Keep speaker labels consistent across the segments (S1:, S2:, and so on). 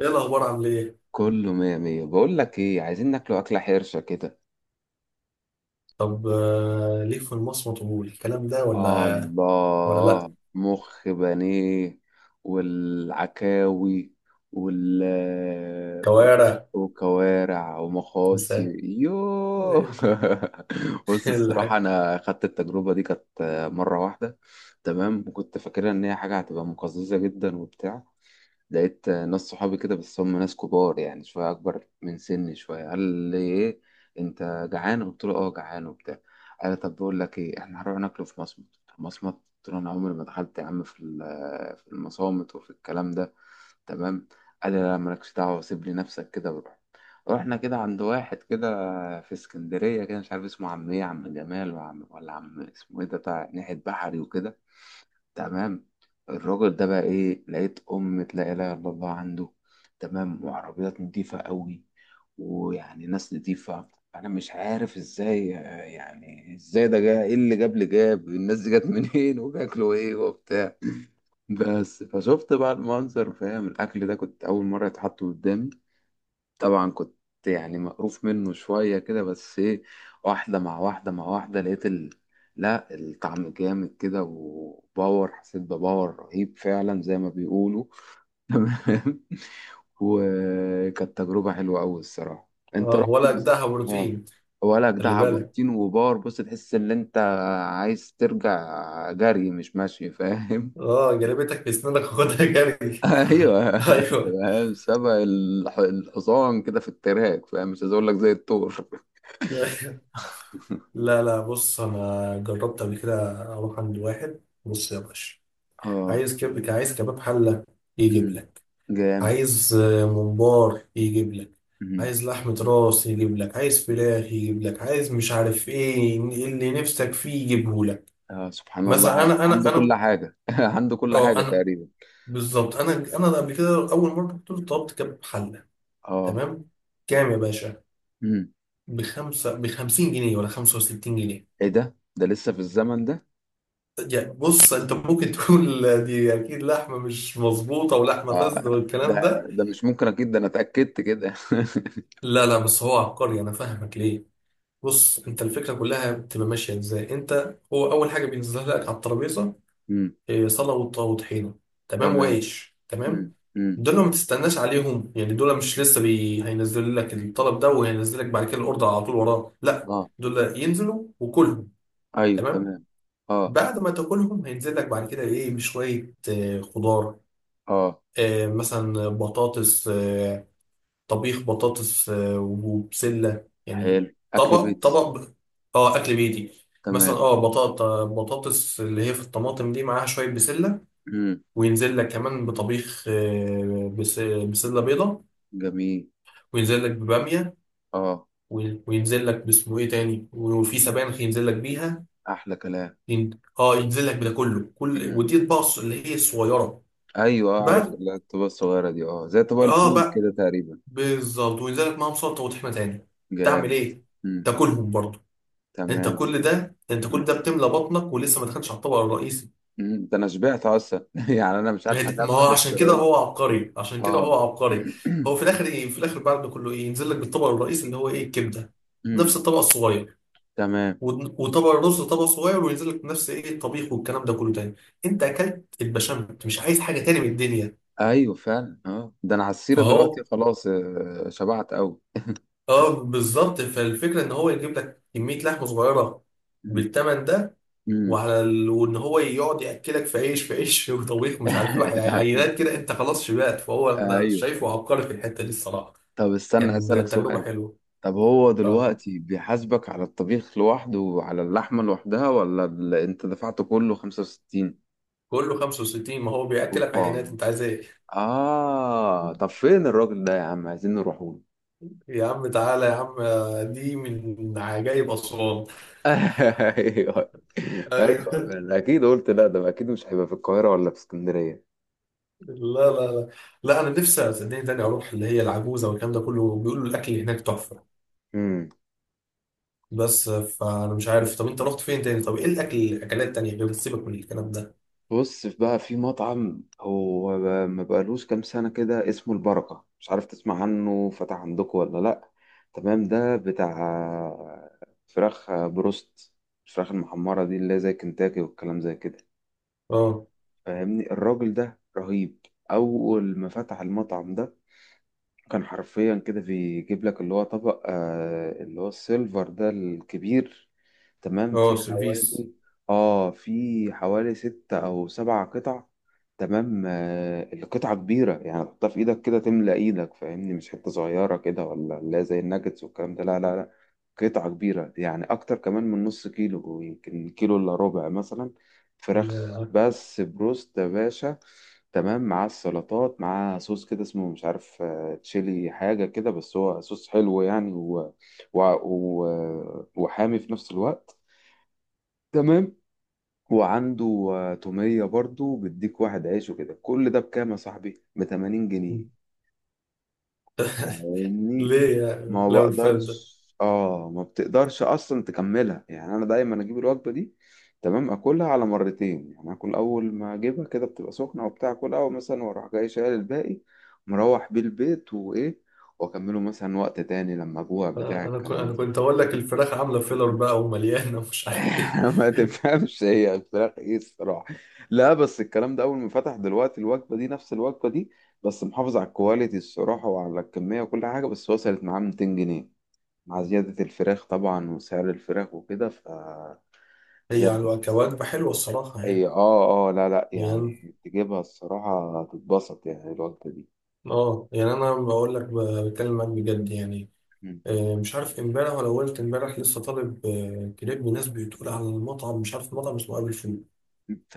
S1: ايه الاخبار؟ عامل ايه؟
S2: كله مية مية، بقول لك ايه؟ عايزين ناكله اكلة حرشة كده.
S1: طب ليك في المصمت والكلام ده
S2: آه،
S1: ولا؟ ولا لا.
S2: الله، مخ بانيه والعكاوي وال
S1: كوارع.
S2: وكوارع ومخاصي،
S1: انسان.
S2: يوه. بص، الصراحة
S1: الحاجة.
S2: أنا خدت التجربة دي، كانت مرة واحدة. تمام. وكنت فاكرها إن هي حاجة هتبقى مقززة جدا وبتاع. لقيت ناس صحابي كده، بس هم ناس كبار، يعني شوية أكبر من سني شوية. قال لي إيه؟ أنت جعان؟ قلت له أه، جعان وبتاع. قال لي طب بقول لك إيه، إحنا هنروح ناكله في مصمت. مصمت؟ قلت له أنا عمري ما دخلت يا عم في المصامت وفي الكلام ده. تمام. قال لي لا، مالكش دعوة، سيب لي نفسك كده وروح. رحنا كده عند واحد كده في اسكندرية كده، مش عارف اسمه عم إيه، عم جمال وعم ولا عم، اسمه إيه ده، بتاع ناحية بحري وكده. تمام. الراجل ده بقى ايه، لقيت أمة لا إله إلا الله عنده. تمام. وعربيات نضيفة قوي، ويعني ناس نضيفة. أنا مش عارف إزاي، يعني إزاي ده جاي، إيه اللي جاب، اللي جاب الناس دي، جت منين وبياكلوا إيه وبتاع. بس فشفت بقى المنظر، فاهم؟ الأكل ده كنت أول مرة يتحط قدامي. طبعا كنت يعني مقروف منه شوية كده، بس ايه، واحدة مع واحدة مع واحدة، لقيت ال... لا، الطعم جامد كده، وباور، حسيت بباور رهيب فعلا زي ما بيقولوا. تمام. وكانت تجربة حلوة أوي الصراحة. انت
S1: اه،
S2: رحت
S1: ولا
S2: بس؟
S1: اجدعها
S2: اه،
S1: بروتين.
S2: ولا
S1: خلي
S2: جدع،
S1: بالك.
S2: بروتين وباور. بص، تحس ان انت عايز ترجع جري، مش ماشي، فاهم؟
S1: اه، جلبتك في اسنانك، خدها جري.
S2: ايوه.
S1: ايوه.
S2: فاهم؟ سبق الحصان كده في التراك، فاهم؟ مش عايز اقول لك زي الثور.
S1: لا لا، بص انا جربت قبل كده اروح عند واحد، بص يا باشا.
S2: اه.
S1: عايز عايز كباب حله، يجيب
S2: امم،
S1: لك.
S2: جامد.
S1: عايز ممبار يجيب لك.
S2: امم.
S1: عايز لحمة راس يجيب لك، عايز فراخ يجيب لك، عايز مش عارف ايه اللي نفسك فيه يجيبه لك.
S2: آه، سبحان الله،
S1: مثلا انا انا
S2: عنده كل
S1: انا
S2: حاجة. عنده كل
S1: اه
S2: حاجة
S1: انا،
S2: تقريبا.
S1: بالظبط. انا قبل كده اول مرة كنت طلبت كباب حلة.
S2: اه.
S1: تمام. كام يا باشا؟
S2: امم.
S1: بخمسين جنيه ولا خمسة وستين جنيه؟
S2: ايه ده لسه في الزمن ده؟
S1: يعني بص انت ممكن تقول دي اكيد لحمة مش مظبوطة ولحمة
S2: آه.
S1: فاسدة والكلام
S2: ده،
S1: ده.
S2: ده مش ممكن، اكيد ده انا اتأكدت كده.
S1: لا لا، بس هو عبقري. انا فاهمك ليه. بص، انت الفكره كلها بتبقى ماشيه ازاي. انت هو اول حاجه بينزلها لك على الترابيزه
S2: امم.
S1: صلاه وطحينه. تمام،
S2: تمام.
S1: وعيش.
S2: امم،
S1: تمام.
S2: امم.
S1: دول ما تستناش عليهم، يعني دول مش لسه هينزل لك الطلب ده وهينزل لك بعد كده الاوردر على طول وراه، لا.
S2: اه.
S1: دول ينزلوا وكلهم.
S2: ايوه،
S1: تمام.
S2: تمام. اه،
S1: بعد ما تاكلهم، هينزل لك بعد كده ايه؟ بشويه خضار.
S2: اه.
S1: مثلا بطاطس، طبيخ بطاطس وبسلة يعني.
S2: حلو، اكل
S1: طبق
S2: بيتي.
S1: طبق ب- اه، اكل بيتي. مثلا
S2: تمام.
S1: اه بطاطس اللي هي في الطماطم دي، معاها شوية بسلة.
S2: امم.
S1: وينزل لك كمان بطبيخ بسلة بيضة.
S2: جميل.
S1: وينزل لك ببامية.
S2: اه.
S1: وينزل لك باسمه ايه تاني، وفي سبانخ ينزل لك بيها.
S2: احلى كلام.
S1: اه ينزل لك بده كله، كل
S2: امم.
S1: ودي اطباق اللي هي الصغيرة
S2: ايوه، آه، عرفت
S1: بقى.
S2: الطبقة الصغيرة دي، اه، زي طبق
S1: اه
S2: الفول
S1: بقى،
S2: كده تقريبا.
S1: بالظبط. وينزل لك معاهم سلطة وطحينة تاني. تعمل
S2: جامد.
S1: ايه؟
S2: مم.
S1: تاكلهم برضه. انت
S2: تمام.
S1: كل ده، انت كل ده بتملى بطنك ولسه ما دخلتش على الطبق الرئيسي.
S2: مم. ده انا شبعت اصلا، يعني انا مش
S1: ما هي
S2: عارف
S1: دي- ما
S2: اكمل
S1: هو عشان كده
S2: التراي.
S1: هو عبقري، عشان كده
S2: اه.
S1: هو عبقري. هو في الاخر ايه؟ في الاخر بعد ده كله ايه؟ ينزل لك بالطبق الرئيسي اللي هو ايه؟ الكبده.
S2: مم.
S1: نفس الطبق الصغير.
S2: تمام.
S1: وطبق الرز طبق صغير، وينزل لك نفس ايه؟ الطبيخ والكلام ده كله تاني. انت اكلت البشاميل، انت مش عايز حاجه تاني من الدنيا.
S2: ايوه فعلا، اه، ده انا على السيره
S1: فهو
S2: دلوقتي خلاص، آه، شبعت قوي.
S1: اه بالظبط، فالفكره ان هو يجيب لك كميه لحمه صغيره
S2: مم.
S1: بالثمن ده،
S2: مم.
S1: وان هو يقعد ياكلك في عيش، في عيش وطبيخ ومش عارف ايه عينات كده، انت خلاص شبعت. فهو انا
S2: ايوه.
S1: شايفه عبقري في الحته دي الصراحه.
S2: طب استنى هسألك
S1: كان تجربه
S2: سؤال.
S1: حلوه.
S2: طب هو
S1: اه،
S2: دلوقتي بيحاسبك على الطبيخ لوحده وعلى اللحمه لوحدها، ولا انت دفعته كله 65؟
S1: كله 65. ما هو بياكلك عينات،
S2: اوبا،
S1: انت عايز ايه؟
S2: اه. طب فين الراجل ده يا عم، عايزين نروحوا.
S1: يا عم تعالى يا عم، دي من عجائب أسوان.
S2: ايوه، ايوه.
S1: أيوة.
S2: أنا اكيد قلت لا، ده اكيد مش هيبقى في القاهره ولا في اسكندريه.
S1: لا لا لا، لا، أنا نفسي صدقني تاني أروح اللي هي العجوزة والكلام ده كله. بيقولوا الأكل هناك تحفة،
S2: امم.
S1: بس فأنا مش عارف. طب أنت رحت فين تاني؟ طب إيه الأكل، الأكلات التانية، غير سيبك من الكلام ده.
S2: بص، بقى في مطعم هو بقى، ما بقالوش كام سنه كده، اسمه البركه، مش عارف تسمع عنه، فتح عندكم ولا لا؟ تمام. ده بتاع فراخ بروست، الفراخ المحمره دي، اللي هي زي كنتاكي والكلام زي كده.
S1: أه.
S2: فاهمني؟ الراجل ده رهيب، اول ما فتح المطعم ده كان حرفيا كده بيجيب لك اللي هو طبق، آه، اللي هو السيلفر ده الكبير. تمام، فيه
S1: اه، سيرفيس.
S2: حوالي، اه، فيه حوالي ستة أو سبعة قطع. تمام. آه، القطعة كبيرة، يعني تحطها في إيدك كده تملى إيدك، فاهمني؟ مش حتة صغيرة كده ولا لا زي الناجتس والكلام ده، لا لا لا. قطعة كبيرة، يعني أكتر كمان من نص كيلو، يمكن كيلو إلا ربع مثلا. فراخ
S1: يا.
S2: بس، بروست يا باشا. تمام. مع السلطات، مع صوص كده اسمه مش عارف، تشيلي حاجة كده، بس هو صوص حلو يعني، وحامي في نفس الوقت. تمام. وعنده آه، تومية برضو، بيديك واحد عيش وكده، كل ده بكام يا صاحبي؟ ب 80 جنيه. فاهمني؟
S1: ليه؟ يعني
S2: ما
S1: لو الفات ده.
S2: بقدرش، اه، ما بتقدرش اصلا تكملها، يعني انا دايما اجيب الوجبه دي. تمام. اكلها على مرتين، يعني اكل اول ما اجيبها كده بتبقى سخنه وبتاع، اكلها اول مثلا، واروح جاي شايل الباقي، مروح بيه البيت، وايه، واكمله مثلا وقت تاني لما اجوع بتاع
S1: انا انا كنت
S2: الكلام
S1: أنا
S2: ده.
S1: كنت اقول لك الفراخ عامله فيلر بقى ومليانه ومش عارف ايه.
S2: ما تفهمش هي الفراخ ايه الصراحه. لا، بس الكلام ده اول ما فتح، دلوقتي الوجبه دي نفس الوجبه دي، بس محافظ على الكواليتي الصراحه وعلى الكميه وكل حاجه، بس وصلت معاه 200 جنيه مع زيادة الفراخ طبعا وسعر الفراخ وكده، ف
S1: هي
S2: زاد.
S1: على كوجبه حلوه الصراحه
S2: اي،
S1: يعني.
S2: اه، اه، لا لا،
S1: يعني
S2: يعني تجيبها الصراحة تتبسط، يعني الوجبة دي.
S1: اه يعني انا بقول لك بتكلم معاك بجد يعني.
S2: مم.
S1: مش عارف امبارح، ولا قلت امبارح لسه طالب كريب من ناس بتقول على المطعم. مش عارف مطعم اسمه ابي فول،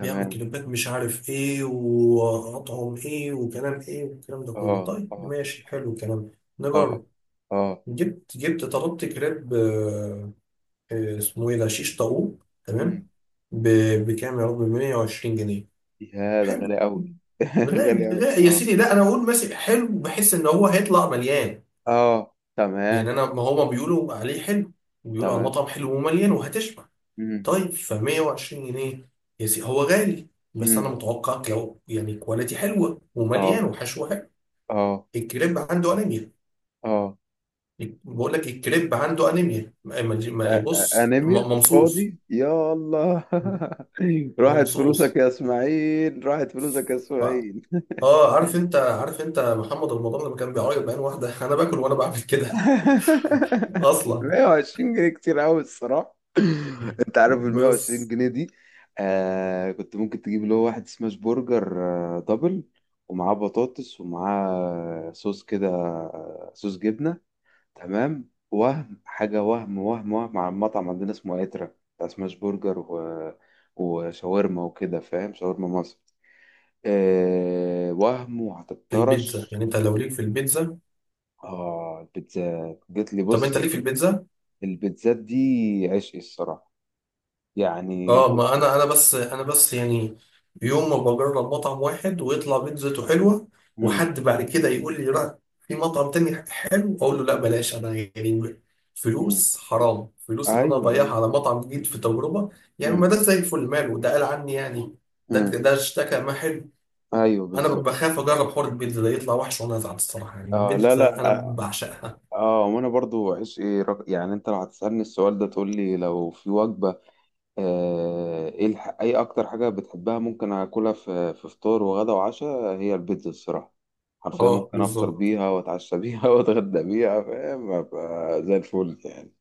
S1: بيعمل كريبات مش عارف ايه وأطعم ايه وكلام ايه والكلام ده كله.
S2: اه
S1: طيب
S2: اه
S1: ماشي، حلو الكلام،
S2: اه
S1: نجرب.
S2: اه.
S1: جبت طلبت كريب اسمه ايه ده؟ شيش طاووق. تمام.
S2: مم.
S1: بكام يا رب؟ ب 120 جنيه.
S2: يا ده
S1: حلو.
S2: غالي أوي.
S1: غالي،
S2: غالي أوي،
S1: غالي يا
S2: اه.
S1: سيدي. لا انا اقول ماشي حلو، بحس ان هو هيطلع مليان.
S2: اه،
S1: يعني
S2: تمام.
S1: انا ما هما بيقولوا عليه حلو، بيقولوا على
S2: تمام.
S1: المطعم حلو ومليان وهتشبع.
S2: مم.
S1: طيب، ف 120 جنيه يا سيدي هو غالي، بس انا
S2: مم.
S1: متوقع يعني كواليتي حلوه ومليان
S2: اه
S1: وحشوه حلو.
S2: اه
S1: الكريب عنده انيميا.
S2: اه.
S1: بقول لك الكريب عنده انيميا. بص
S2: أنيميا
S1: ممصوص.
S2: فاضي، يا الله. راحت فلوسك
S1: ممصوص.
S2: يا إسماعيل، راحت فلوسك يا
S1: ف...
S2: إسماعيل.
S1: اه، عارف انت، عارف انت محمد رمضان لما كان بيعيط بعين واحده؟ انا باكل وانا بعمل كده. اصلا
S2: 120 جنيه كتير قوي الصراحه. انت عارف ال 120
S1: بس.
S2: جنيه دي، آه، كنت ممكن تجيب اللي هو واحد سماش برجر، آه، دبل، ومعاه بطاطس ومعاه صوص كده، آه، صوص جبنه. تمام. وهم حاجه، وهم على المطعم عندنا اسمه اترا، بتاع سماش برجر و... وشاورما وكده، فاهم شاورما مصر؟ آه، وهم،
S1: في البيتزا
S2: وهتطرش.
S1: يعني، انت لو ليك في البيتزا.
S2: اه، البيتزا جت لي،
S1: طب انت
S2: بص،
S1: ليك في البيتزا؟
S2: البيتزات دي عشقي الصراحة، يعني.
S1: اه، ما انا بس يعني يوم ما بجرب مطعم واحد ويطلع بيتزته حلوه،
S2: مم.
S1: وحد بعد كده يقول لي لا في مطعم تاني حلو، اقول له لا بلاش. انا يعني
S2: مم.
S1: فلوس حرام، فلوس ان انا
S2: ايوه، ايوه.
S1: اضيعها على مطعم جديد في تجربه، يعني. ما
S2: مم.
S1: ده زي الفل ماله؟ ده قال عني يعني. ده
S2: مم.
S1: اشتكى ما حلو.
S2: ايوه
S1: انا
S2: بالظبط.
S1: بخاف اجرب حوار البيتزا ده يطلع وحش وانا ازعل الصراحه. يعني
S2: اه، لا
S1: البيتزا انا
S2: لا، اه،
S1: بعشقها.
S2: آه، وانا برضو عشقي رق... يعني انت لو هتسألني السؤال ده، تقول لي لو في وجبة، آه، ايه الح... اي اكتر حاجة بتحبها ممكن اكلها في في فطار وغدا وعشاء، هي البيتزا الصراحة. حرفيا
S1: اه
S2: ممكن افطر
S1: بالظبط.
S2: بيها واتعشى بيها واتغدى بيها، فاهم؟ أبقى زي الفل يعني.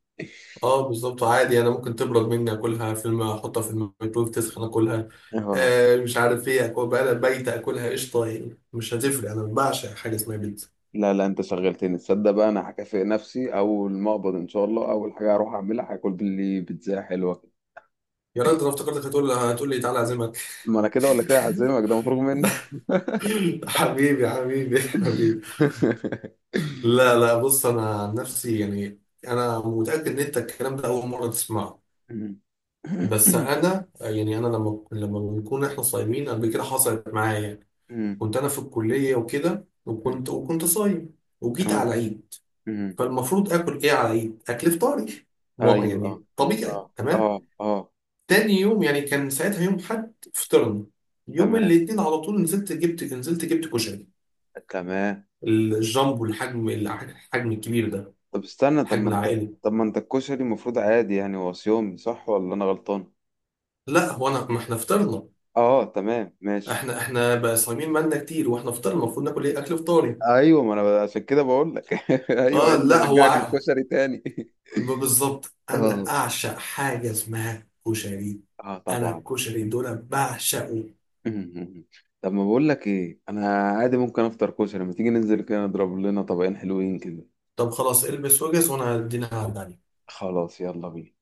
S1: اه بالظبط، عادي انا ممكن تبرد مني اكلها فيلم، احطها في الميكرويف تسخن اكلها.
S2: اه،
S1: آه، مش عارف ايه، اكل بقى بايته اكلها قشطه، يعني مش هتفرق. انا بعشق حاجه اسمها بيتزا.
S2: لا لا. انت شغلتني، تصدق؟ بقى انا هكافئ نفسي اول ما اقبض ان شاء الله، اول حاجه هروح اعملها هاكل باللي بيتزا حلوه.
S1: يا ريت، انا افتكرتك هتقول لي تعالى اعزمك.
S2: ما انا كده ولا كده هعزمك، ده مفروغ منه.
S1: حبيبي حبيبي حبيبي. لا لا، بص انا عن نفسي يعني. انا متاكد ان انت الكلام ده اول مره تسمعه، بس انا يعني انا لما بنكون احنا صايمين قبل كده حصلت معايا يعني. كنت انا في الكليه وكده، وكنت صايم وجيت على
S2: تمام.
S1: العيد. فالمفروض اكل ايه على العيد؟ اكل فطاري، ما
S2: ايوه. اه
S1: يعني طبيعي.
S2: اه
S1: تمام.
S2: اه اه
S1: تاني يوم، يعني كان ساعتها يوم حد، فطرنا يوم
S2: تمام.
S1: الاثنين. على طول نزلت جبت كشري،
S2: تمام.
S1: الجامبو، الحجم، الكبير ده،
S2: طب استنى، طب
S1: الحجم
S2: ما انت،
S1: العائلي.
S2: طب ما انت الكشري المفروض عادي، يعني هو صيامي صح ولا انا غلطان؟
S1: لا هو انا، ما احنا فطرنا.
S2: اه، تمام، ماشي.
S1: احنا احنا بقى صايمين مالنا كتير، واحنا فطرنا المفروض ناكل ايه؟ اكل فطاري.
S2: ايوه، ما انا عشان كده بقول لك، ايوه، ايه
S1: اه
S2: اللي
S1: لا، هو
S2: رجعك للكشري تاني؟
S1: بالظبط انا
S2: اه،
S1: اعشق حاجه اسمها كشري.
S2: اه
S1: انا
S2: طبعا.
S1: الكشري دول بعشقه.
S2: طب ما بقول لك ايه، انا عادي ممكن افطر كشري، ما تيجي ننزل كده نضرب لنا طبقين حلوين كده.
S1: طب خلاص، البس وجز وانا هدينا على
S2: خلاص، يلا بينا.